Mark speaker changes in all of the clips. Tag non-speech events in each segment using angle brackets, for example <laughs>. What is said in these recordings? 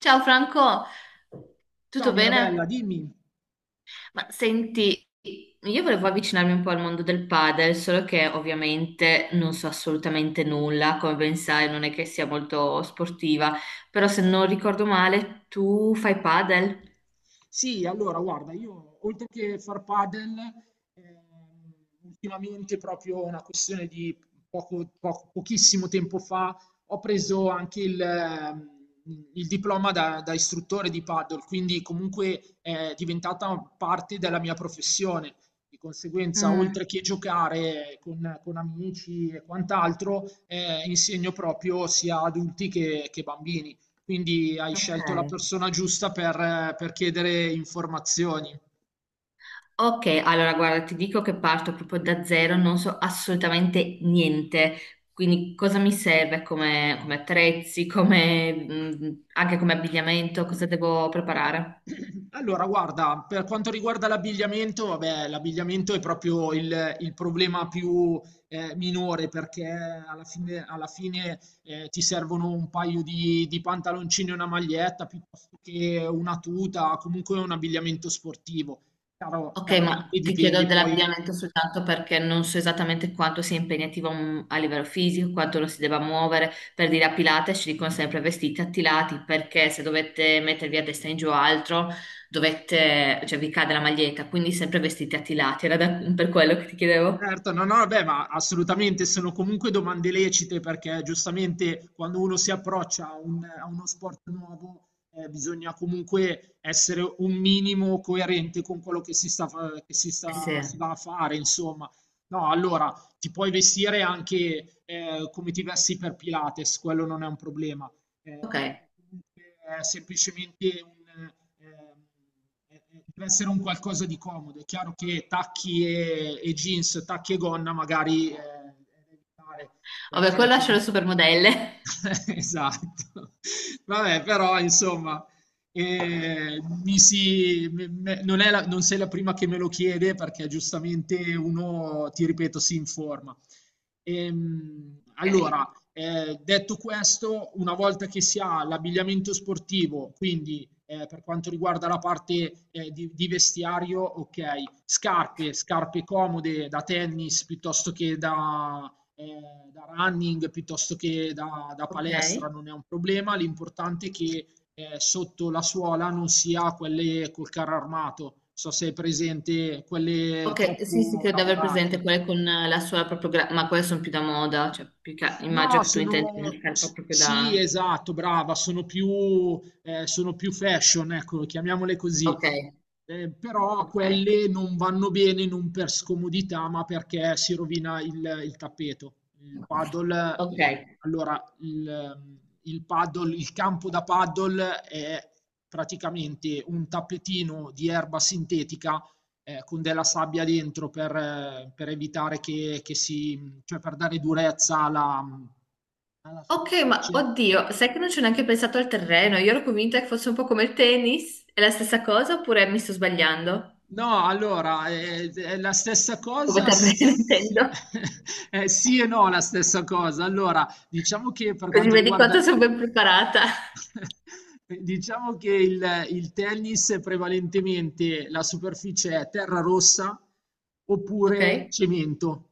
Speaker 1: Ciao Franco,
Speaker 2: Ciao
Speaker 1: tutto
Speaker 2: Mirabella,
Speaker 1: bene?
Speaker 2: dimmi.
Speaker 1: Ma senti, io volevo avvicinarmi un po' al mondo del padel, solo che ovviamente non so assolutamente nulla, come ben sai, non è che sia molto sportiva, però se non ricordo male, tu fai padel?
Speaker 2: Sì, allora guarda, io oltre che far padel, ehm, ultimamente proprio una questione di pochissimo tempo fa, ho preso anche il, il diploma da istruttore di padel, quindi comunque è diventata parte della mia professione. Di conseguenza,
Speaker 1: Mm,
Speaker 2: oltre che giocare con amici e quant'altro, insegno proprio sia adulti che bambini. Quindi hai scelto la
Speaker 1: ok.
Speaker 2: persona giusta per chiedere informazioni.
Speaker 1: Ok, allora guarda, ti dico che parto proprio da zero, non so assolutamente niente, quindi cosa mi serve come, come attrezzi, come, anche come abbigliamento, cosa devo preparare?
Speaker 2: <clears throat> Allora, guarda, per quanto riguarda l'abbigliamento, vabbè, l'abbigliamento è proprio il problema più minore perché alla fine, ti servono un paio di pantaloncini e una maglietta piuttosto che una tuta, comunque un abbigliamento sportivo.
Speaker 1: Ok, ma
Speaker 2: Chiaramente
Speaker 1: ti chiedo
Speaker 2: dipende poi.
Speaker 1: dell'abbigliamento soltanto perché non so esattamente quanto sia impegnativo a livello fisico, quanto lo si debba muovere. Per dire a Pilates ci dicono sempre vestiti attilati perché se dovete mettervi a destra in giù o altro, dovete, cioè vi cade la maglietta, quindi sempre vestiti attilati. <laughs> Per quello che ti chiedevo.
Speaker 2: Certo, no, no, beh, ma assolutamente sono comunque domande lecite perché giustamente quando uno si approccia a uno sport nuovo bisogna comunque essere un minimo coerente con quello che che si
Speaker 1: Sì.
Speaker 2: sta, si va a fare, insomma. No, allora ti puoi vestire anche come ti vesti per Pilates, quello non è un problema
Speaker 1: Ok.
Speaker 2: perché comunque è semplicemente un, ehm, deve essere un qualcosa di comodo. È chiaro che tacchi e jeans, tacchi e gonna magari è da evitare
Speaker 1: Vabbè,
Speaker 2: perché <laughs>
Speaker 1: quello lascio alle
Speaker 2: comunque...
Speaker 1: supermodelle.
Speaker 2: Esatto. Vabbè, però insomma, mi si, me- me- non è non sei la prima che me lo chiede perché giustamente uno, ti ripeto, si informa.
Speaker 1: <laughs> Ok.
Speaker 2: Allora, detto questo, una volta che si ha l'abbigliamento sportivo, quindi per quanto riguarda la parte eh, vestiario, ok, scarpe, scarpe comode da tennis piuttosto che da running, piuttosto che da
Speaker 1: Ok.
Speaker 2: palestra, non è un problema, l'importante è che sotto la suola non si ha quelle col carro armato, so se è presente, quelle
Speaker 1: Ok, sì, sì,
Speaker 2: troppo
Speaker 1: credo di aver presente
Speaker 2: lavorate.
Speaker 1: quelle con la sola proprio, ma quelle sono più da moda,
Speaker 2: No,
Speaker 1: immagino che tu intendi
Speaker 2: sono...
Speaker 1: una scarpa proprio
Speaker 2: Sì,
Speaker 1: da...
Speaker 2: esatto, brava, sono più fashion, ecco, chiamiamole così.
Speaker 1: Ok,
Speaker 2: Però
Speaker 1: ok,
Speaker 2: quelle non vanno bene non per scomodità, ma perché si rovina il tappeto. Il paddle,
Speaker 1: ok.
Speaker 2: allora, il paddle, il campo da paddle è praticamente un tappetino di erba sintetica con della sabbia dentro per evitare che cioè per dare durezza alla
Speaker 1: Ok, ma
Speaker 2: superficie.
Speaker 1: oddio, sai che non ci ho neanche pensato al terreno, io ero convinta che fosse un po' come il tennis, è la stessa cosa oppure mi sto sbagliando?
Speaker 2: No, allora, è la stessa
Speaker 1: Come
Speaker 2: cosa,
Speaker 1: terreno <laughs> intendo,
Speaker 2: sì, <laughs> sì e no, la stessa cosa. Allora, diciamo che per
Speaker 1: così
Speaker 2: quanto
Speaker 1: vedi
Speaker 2: riguarda...
Speaker 1: quanto sono ben preparata.
Speaker 2: <laughs> Diciamo che il tennis è prevalentemente la superficie è terra rossa
Speaker 1: Ok?
Speaker 2: oppure cemento,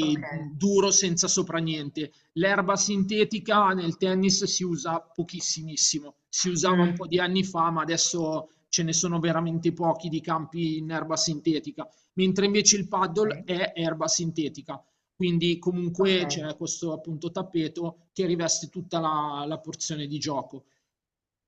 Speaker 1: Ok.
Speaker 2: duro senza sopra niente. L'erba sintetica nel tennis si usa pochissimissimo, si usava un po'
Speaker 1: Mm.
Speaker 2: di anni fa, ma adesso ce ne sono veramente pochi di campi in erba sintetica, mentre invece il paddle
Speaker 1: Ok.
Speaker 2: è erba sintetica, quindi comunque
Speaker 1: Ok.
Speaker 2: c'è questo appunto tappeto che riveste tutta la porzione di gioco.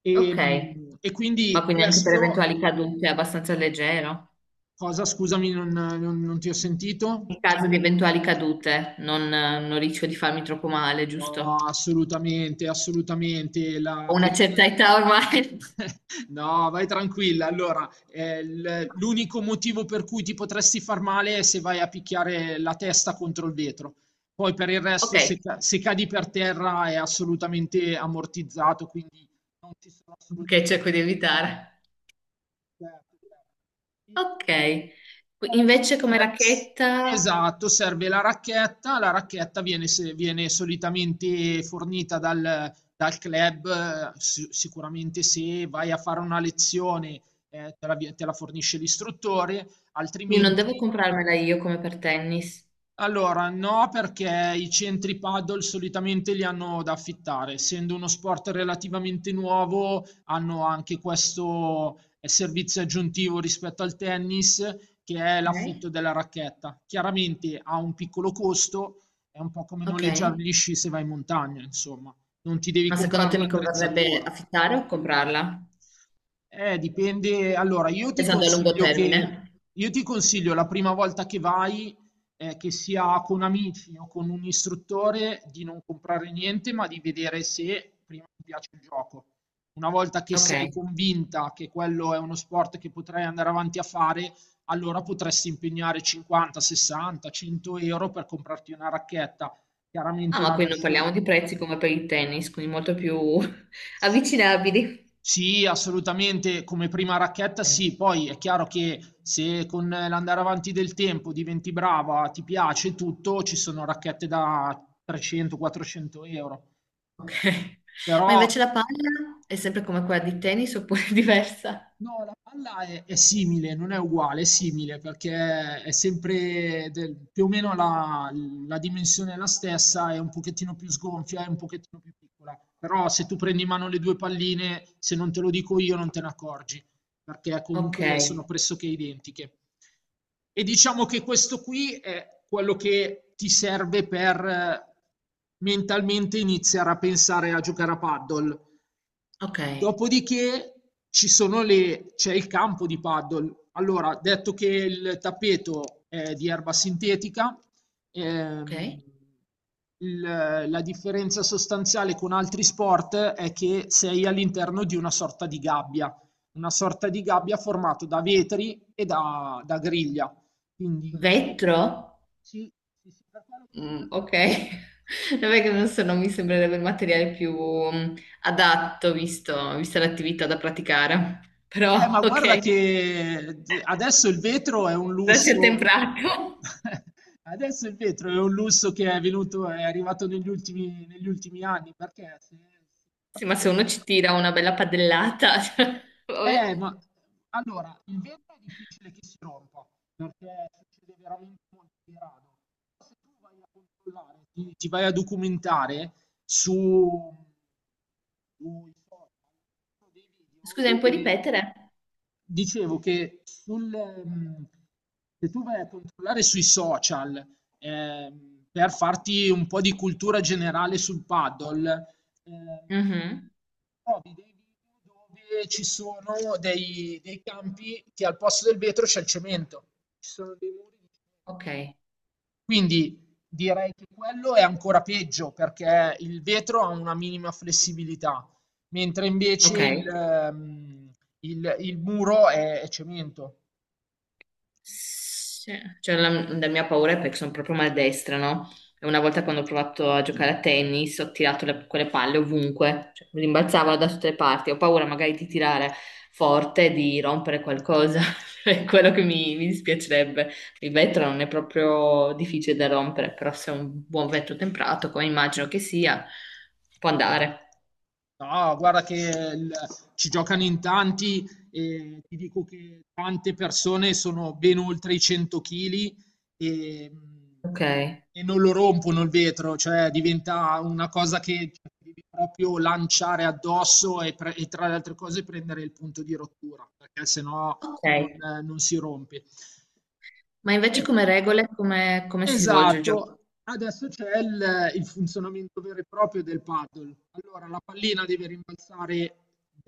Speaker 2: E,
Speaker 1: Ok,
Speaker 2: e
Speaker 1: ma
Speaker 2: quindi
Speaker 1: quindi anche per
Speaker 2: questo,
Speaker 1: eventuali cadute è abbastanza leggero.
Speaker 2: cosa scusami non ti ho sentito?
Speaker 1: In caso di eventuali cadute, non rischio di farmi troppo male,
Speaker 2: No,
Speaker 1: giusto?
Speaker 2: assolutamente, assolutamente.
Speaker 1: Ho
Speaker 2: La, <laughs>
Speaker 1: una
Speaker 2: comunque...
Speaker 1: certa età ormai. <laughs>
Speaker 2: No, vai tranquilla. Allora, l'unico motivo per cui ti potresti far male è se vai a picchiare la testa contro il vetro. Poi per il resto,
Speaker 1: Ok,
Speaker 2: se cadi per terra è assolutamente ammortizzato, quindi non ci sono
Speaker 1: ok,
Speaker 2: assolutamente...
Speaker 1: cerco di evitare.
Speaker 2: Certo, certo. E
Speaker 1: Ok.
Speaker 2: poi
Speaker 1: Invece come
Speaker 2: c'è...
Speaker 1: racchetta,
Speaker 2: esatto, serve la racchetta viene, viene solitamente fornita dal club, sicuramente se vai a fare una lezione, te la fornisce l'istruttore,
Speaker 1: quindi non devo
Speaker 2: altrimenti
Speaker 1: comprarmela io come per tennis.
Speaker 2: allora, no, perché i centri paddle solitamente li hanno da affittare. Essendo uno sport relativamente nuovo, hanno anche questo servizio aggiuntivo rispetto al tennis, che è
Speaker 1: Ok,
Speaker 2: l'affitto della racchetta. Chiaramente ha un piccolo costo, è un po' come
Speaker 1: ok.
Speaker 2: noleggiare gli sci se vai in montagna, insomma, non ti devi
Speaker 1: Ma secondo
Speaker 2: comprare
Speaker 1: te mi converrebbe
Speaker 2: l'attrezzatura.
Speaker 1: affittare o comprarla?
Speaker 2: Dipende. Allora, io ti
Speaker 1: Pensando a lungo
Speaker 2: consiglio
Speaker 1: termine.
Speaker 2: che io ti consiglio la prima volta che vai, che sia con amici o con un istruttore, di non comprare niente, ma di vedere se prima ti piace il gioco. Una volta che
Speaker 1: Ok.
Speaker 2: sei convinta che quello è uno sport che potrai andare avanti a fare, allora potresti impegnare 50, 60, 100 euro per comprarti una racchetta. Chiaramente
Speaker 1: Ah, ma
Speaker 2: una
Speaker 1: qui non parliamo
Speaker 2: versione.
Speaker 1: di prezzi come per il tennis, quindi molto più <laughs> avvicinabili.
Speaker 2: Sì, assolutamente, come prima racchetta sì, poi è chiaro che se con l'andare avanti del tempo diventi brava, ti piace tutto, ci sono racchette da 300-400 euro,
Speaker 1: Ok. Ma
Speaker 2: però...
Speaker 1: invece la palla è sempre come quella di tennis oppure <laughs> è diversa?
Speaker 2: No, la palla è simile, non è uguale, è simile perché è sempre più o meno la dimensione è la stessa, è un pochettino più sgonfia, è un pochettino più piccola. Però se tu prendi in mano le due palline, se non te lo dico io, non te ne accorgi, perché
Speaker 1: Ok,
Speaker 2: comunque sono pressoché identiche. E diciamo che questo qui è quello che ti serve per mentalmente iniziare a pensare a giocare a paddle.
Speaker 1: ok,
Speaker 2: Dopodiché c'è il campo di paddle. Allora, detto che il tappeto è di erba sintetica, ehm,
Speaker 1: ok.
Speaker 2: il- la differenza sostanziale con altri sport è che sei all'interno di una sorta di gabbia, una sorta di gabbia formata da vetri e da griglia. Quindi,
Speaker 1: Vetro?
Speaker 2: sì, sì, sì, per quello che...
Speaker 1: Mm, ok. <laughs> Non è che non so, non mi sembrerebbe il materiale più adatto visto, vista l'attività da praticare. <laughs> Però,
Speaker 2: Ma guarda
Speaker 1: ok,
Speaker 2: che adesso il vetro è un
Speaker 1: grazie a
Speaker 2: lusso.
Speaker 1: temprato.
Speaker 2: <laughs> Adesso il vetro è un lusso che è arrivato negli ultimi anni, perché
Speaker 1: Sì, ma se
Speaker 2: se-
Speaker 1: uno ci tira una bella padellata, <laughs> cioè, vabbè.
Speaker 2: ma allora, il vetro è difficile che si rompa, perché succede veramente molto di rado. Se tu vai a controllare, ti vai a documentare su, sui social sono dei video
Speaker 1: Scusa, mi
Speaker 2: dove
Speaker 1: puoi ripetere?
Speaker 2: dicevo che mm, se tu vai a controllare sui social, per farti un po' di cultura generale sul paddle, ehm,
Speaker 1: Mhm.
Speaker 2: trovi dei video dove ci sono dei campi che al posto del vetro c'è il cemento, ci sono dei muri di,
Speaker 1: Ok,
Speaker 2: quindi direi che quello è ancora peggio perché il vetro ha una minima flessibilità, mentre invece
Speaker 1: ok.
Speaker 2: il muro è cemento.
Speaker 1: Sì, cioè, la mia paura è perché sono proprio maldestra, no? E una volta quando ho provato a giocare a tennis ho tirato quelle palle ovunque, cioè, mi rimbalzavano da tutte le parti. Ho paura magari di tirare forte, e di rompere qualcosa, <laughs> è quello che mi dispiacerebbe. Il vetro non è proprio difficile da rompere, però se è un buon vetro temperato, come immagino che sia, può andare.
Speaker 2: No, guarda che il... ci giocano in tanti e ti dico che tante persone sono ben oltre i 100 kg e,
Speaker 1: Ok.
Speaker 2: e non lo rompono il vetro, cioè diventa una cosa che ti devi proprio lanciare addosso e tra le altre cose prendere il punto di rottura, perché sennò non,
Speaker 1: Ok.
Speaker 2: non si rompe.
Speaker 1: Ma
Speaker 2: E...
Speaker 1: invece come regole, come, come si svolge il gioco?
Speaker 2: Esatto, adesso c'è il funzionamento vero e proprio del paddle. Allora, la pallina deve rimbalzare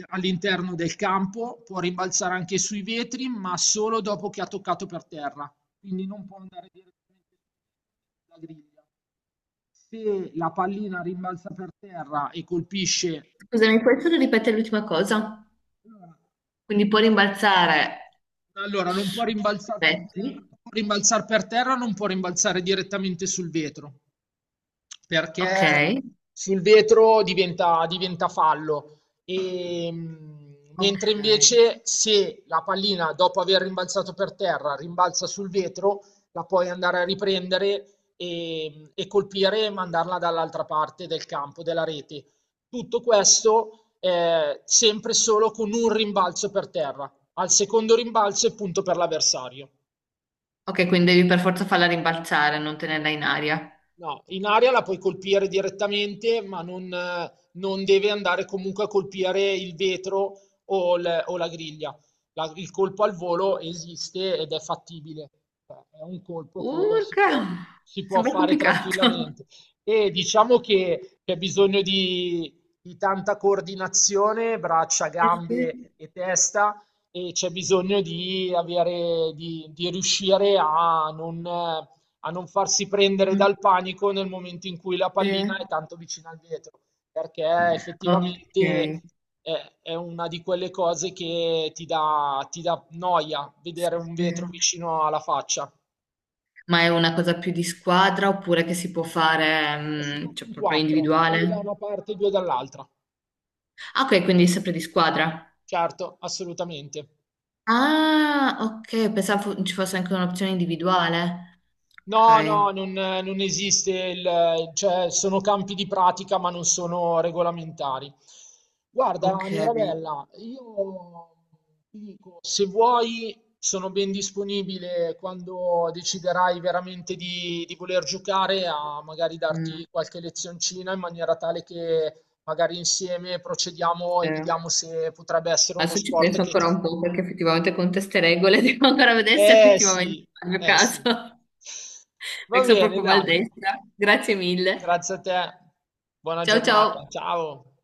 Speaker 2: all'interno del campo, può rimbalzare anche sui vetri, ma solo dopo che ha toccato per terra, quindi non può andare direttamente sulla griglia. Se la pallina rimbalza per terra e colpisce,
Speaker 1: Scusa, mi puoi solo ripetere l'ultima cosa?
Speaker 2: allora
Speaker 1: Quindi può rimbalzare
Speaker 2: allora, non può
Speaker 1: sui
Speaker 2: rimbalzare per terra,
Speaker 1: vetri.
Speaker 2: può rimbalzare per terra, non può rimbalzare direttamente sul vetro.
Speaker 1: Ok,
Speaker 2: Perché sul vetro diventa fallo. E, mentre
Speaker 1: ok.
Speaker 2: invece se la pallina, dopo aver rimbalzato per terra, rimbalza sul vetro, la puoi andare a riprendere e colpire e mandarla dall'altra parte del campo, della rete. Tutto questo, sempre solo con un rimbalzo per terra. Al secondo rimbalzo è punto per l'avversario.
Speaker 1: Ok, quindi devi per forza farla rimbalzare, non tenerla in aria.
Speaker 2: No, in aria la puoi colpire direttamente, ma non, non deve andare comunque a colpire il vetro o la griglia. Il colpo al volo esiste ed è fattibile. Cioè, è un colpo
Speaker 1: Urca!
Speaker 2: si può
Speaker 1: Sembra
Speaker 2: fare
Speaker 1: complicato.
Speaker 2: tranquillamente. E diciamo che c'è bisogno di tanta coordinazione, braccia,
Speaker 1: Eh
Speaker 2: gambe
Speaker 1: sì.
Speaker 2: e testa, e c'è bisogno di avere, di riuscire a non farsi prendere dal
Speaker 1: Mm,
Speaker 2: panico nel momento in cui la
Speaker 1: sì.
Speaker 2: pallina è tanto vicina al vetro, perché effettivamente
Speaker 1: Ok.
Speaker 2: è una di quelle cose che ti dà noia vedere
Speaker 1: Sì,
Speaker 2: un
Speaker 1: sì.
Speaker 2: vetro vicino alla faccia.
Speaker 1: Ma è una cosa più di squadra oppure che si può fare,
Speaker 2: Ma si
Speaker 1: mm,
Speaker 2: gioca
Speaker 1: cioè
Speaker 2: in
Speaker 1: proprio
Speaker 2: quattro, due da
Speaker 1: individuale?
Speaker 2: una parte e due dall'altra.
Speaker 1: Ah, ok, quindi è sempre di squadra.
Speaker 2: Certo, assolutamente.
Speaker 1: Ah, ok, pensavo ci fosse anche un'opzione individuale.
Speaker 2: No, no,
Speaker 1: Ok,
Speaker 2: non esiste il, cioè sono campi di pratica ma non sono regolamentari.
Speaker 1: ok.
Speaker 2: Guarda, Mirabella, io ti dico, se vuoi sono ben disponibile quando deciderai veramente di voler giocare a magari
Speaker 1: Mm,
Speaker 2: darti qualche lezioncina in maniera tale che magari insieme procediamo e
Speaker 1: eh.
Speaker 2: vediamo se potrebbe essere uno
Speaker 1: Adesso ci
Speaker 2: sport
Speaker 1: penso
Speaker 2: che ti...
Speaker 1: ancora un po' perché effettivamente con queste regole <laughs> devo ancora vedere se
Speaker 2: Eh
Speaker 1: effettivamente
Speaker 2: sì,
Speaker 1: fa il mio
Speaker 2: eh
Speaker 1: caso,
Speaker 2: sì.
Speaker 1: <laughs>
Speaker 2: Va
Speaker 1: perché sono
Speaker 2: bene,
Speaker 1: proprio
Speaker 2: dai.
Speaker 1: maldestra. Grazie mille.
Speaker 2: Grazie a te, buona
Speaker 1: Ciao ciao.
Speaker 2: giornata, ciao.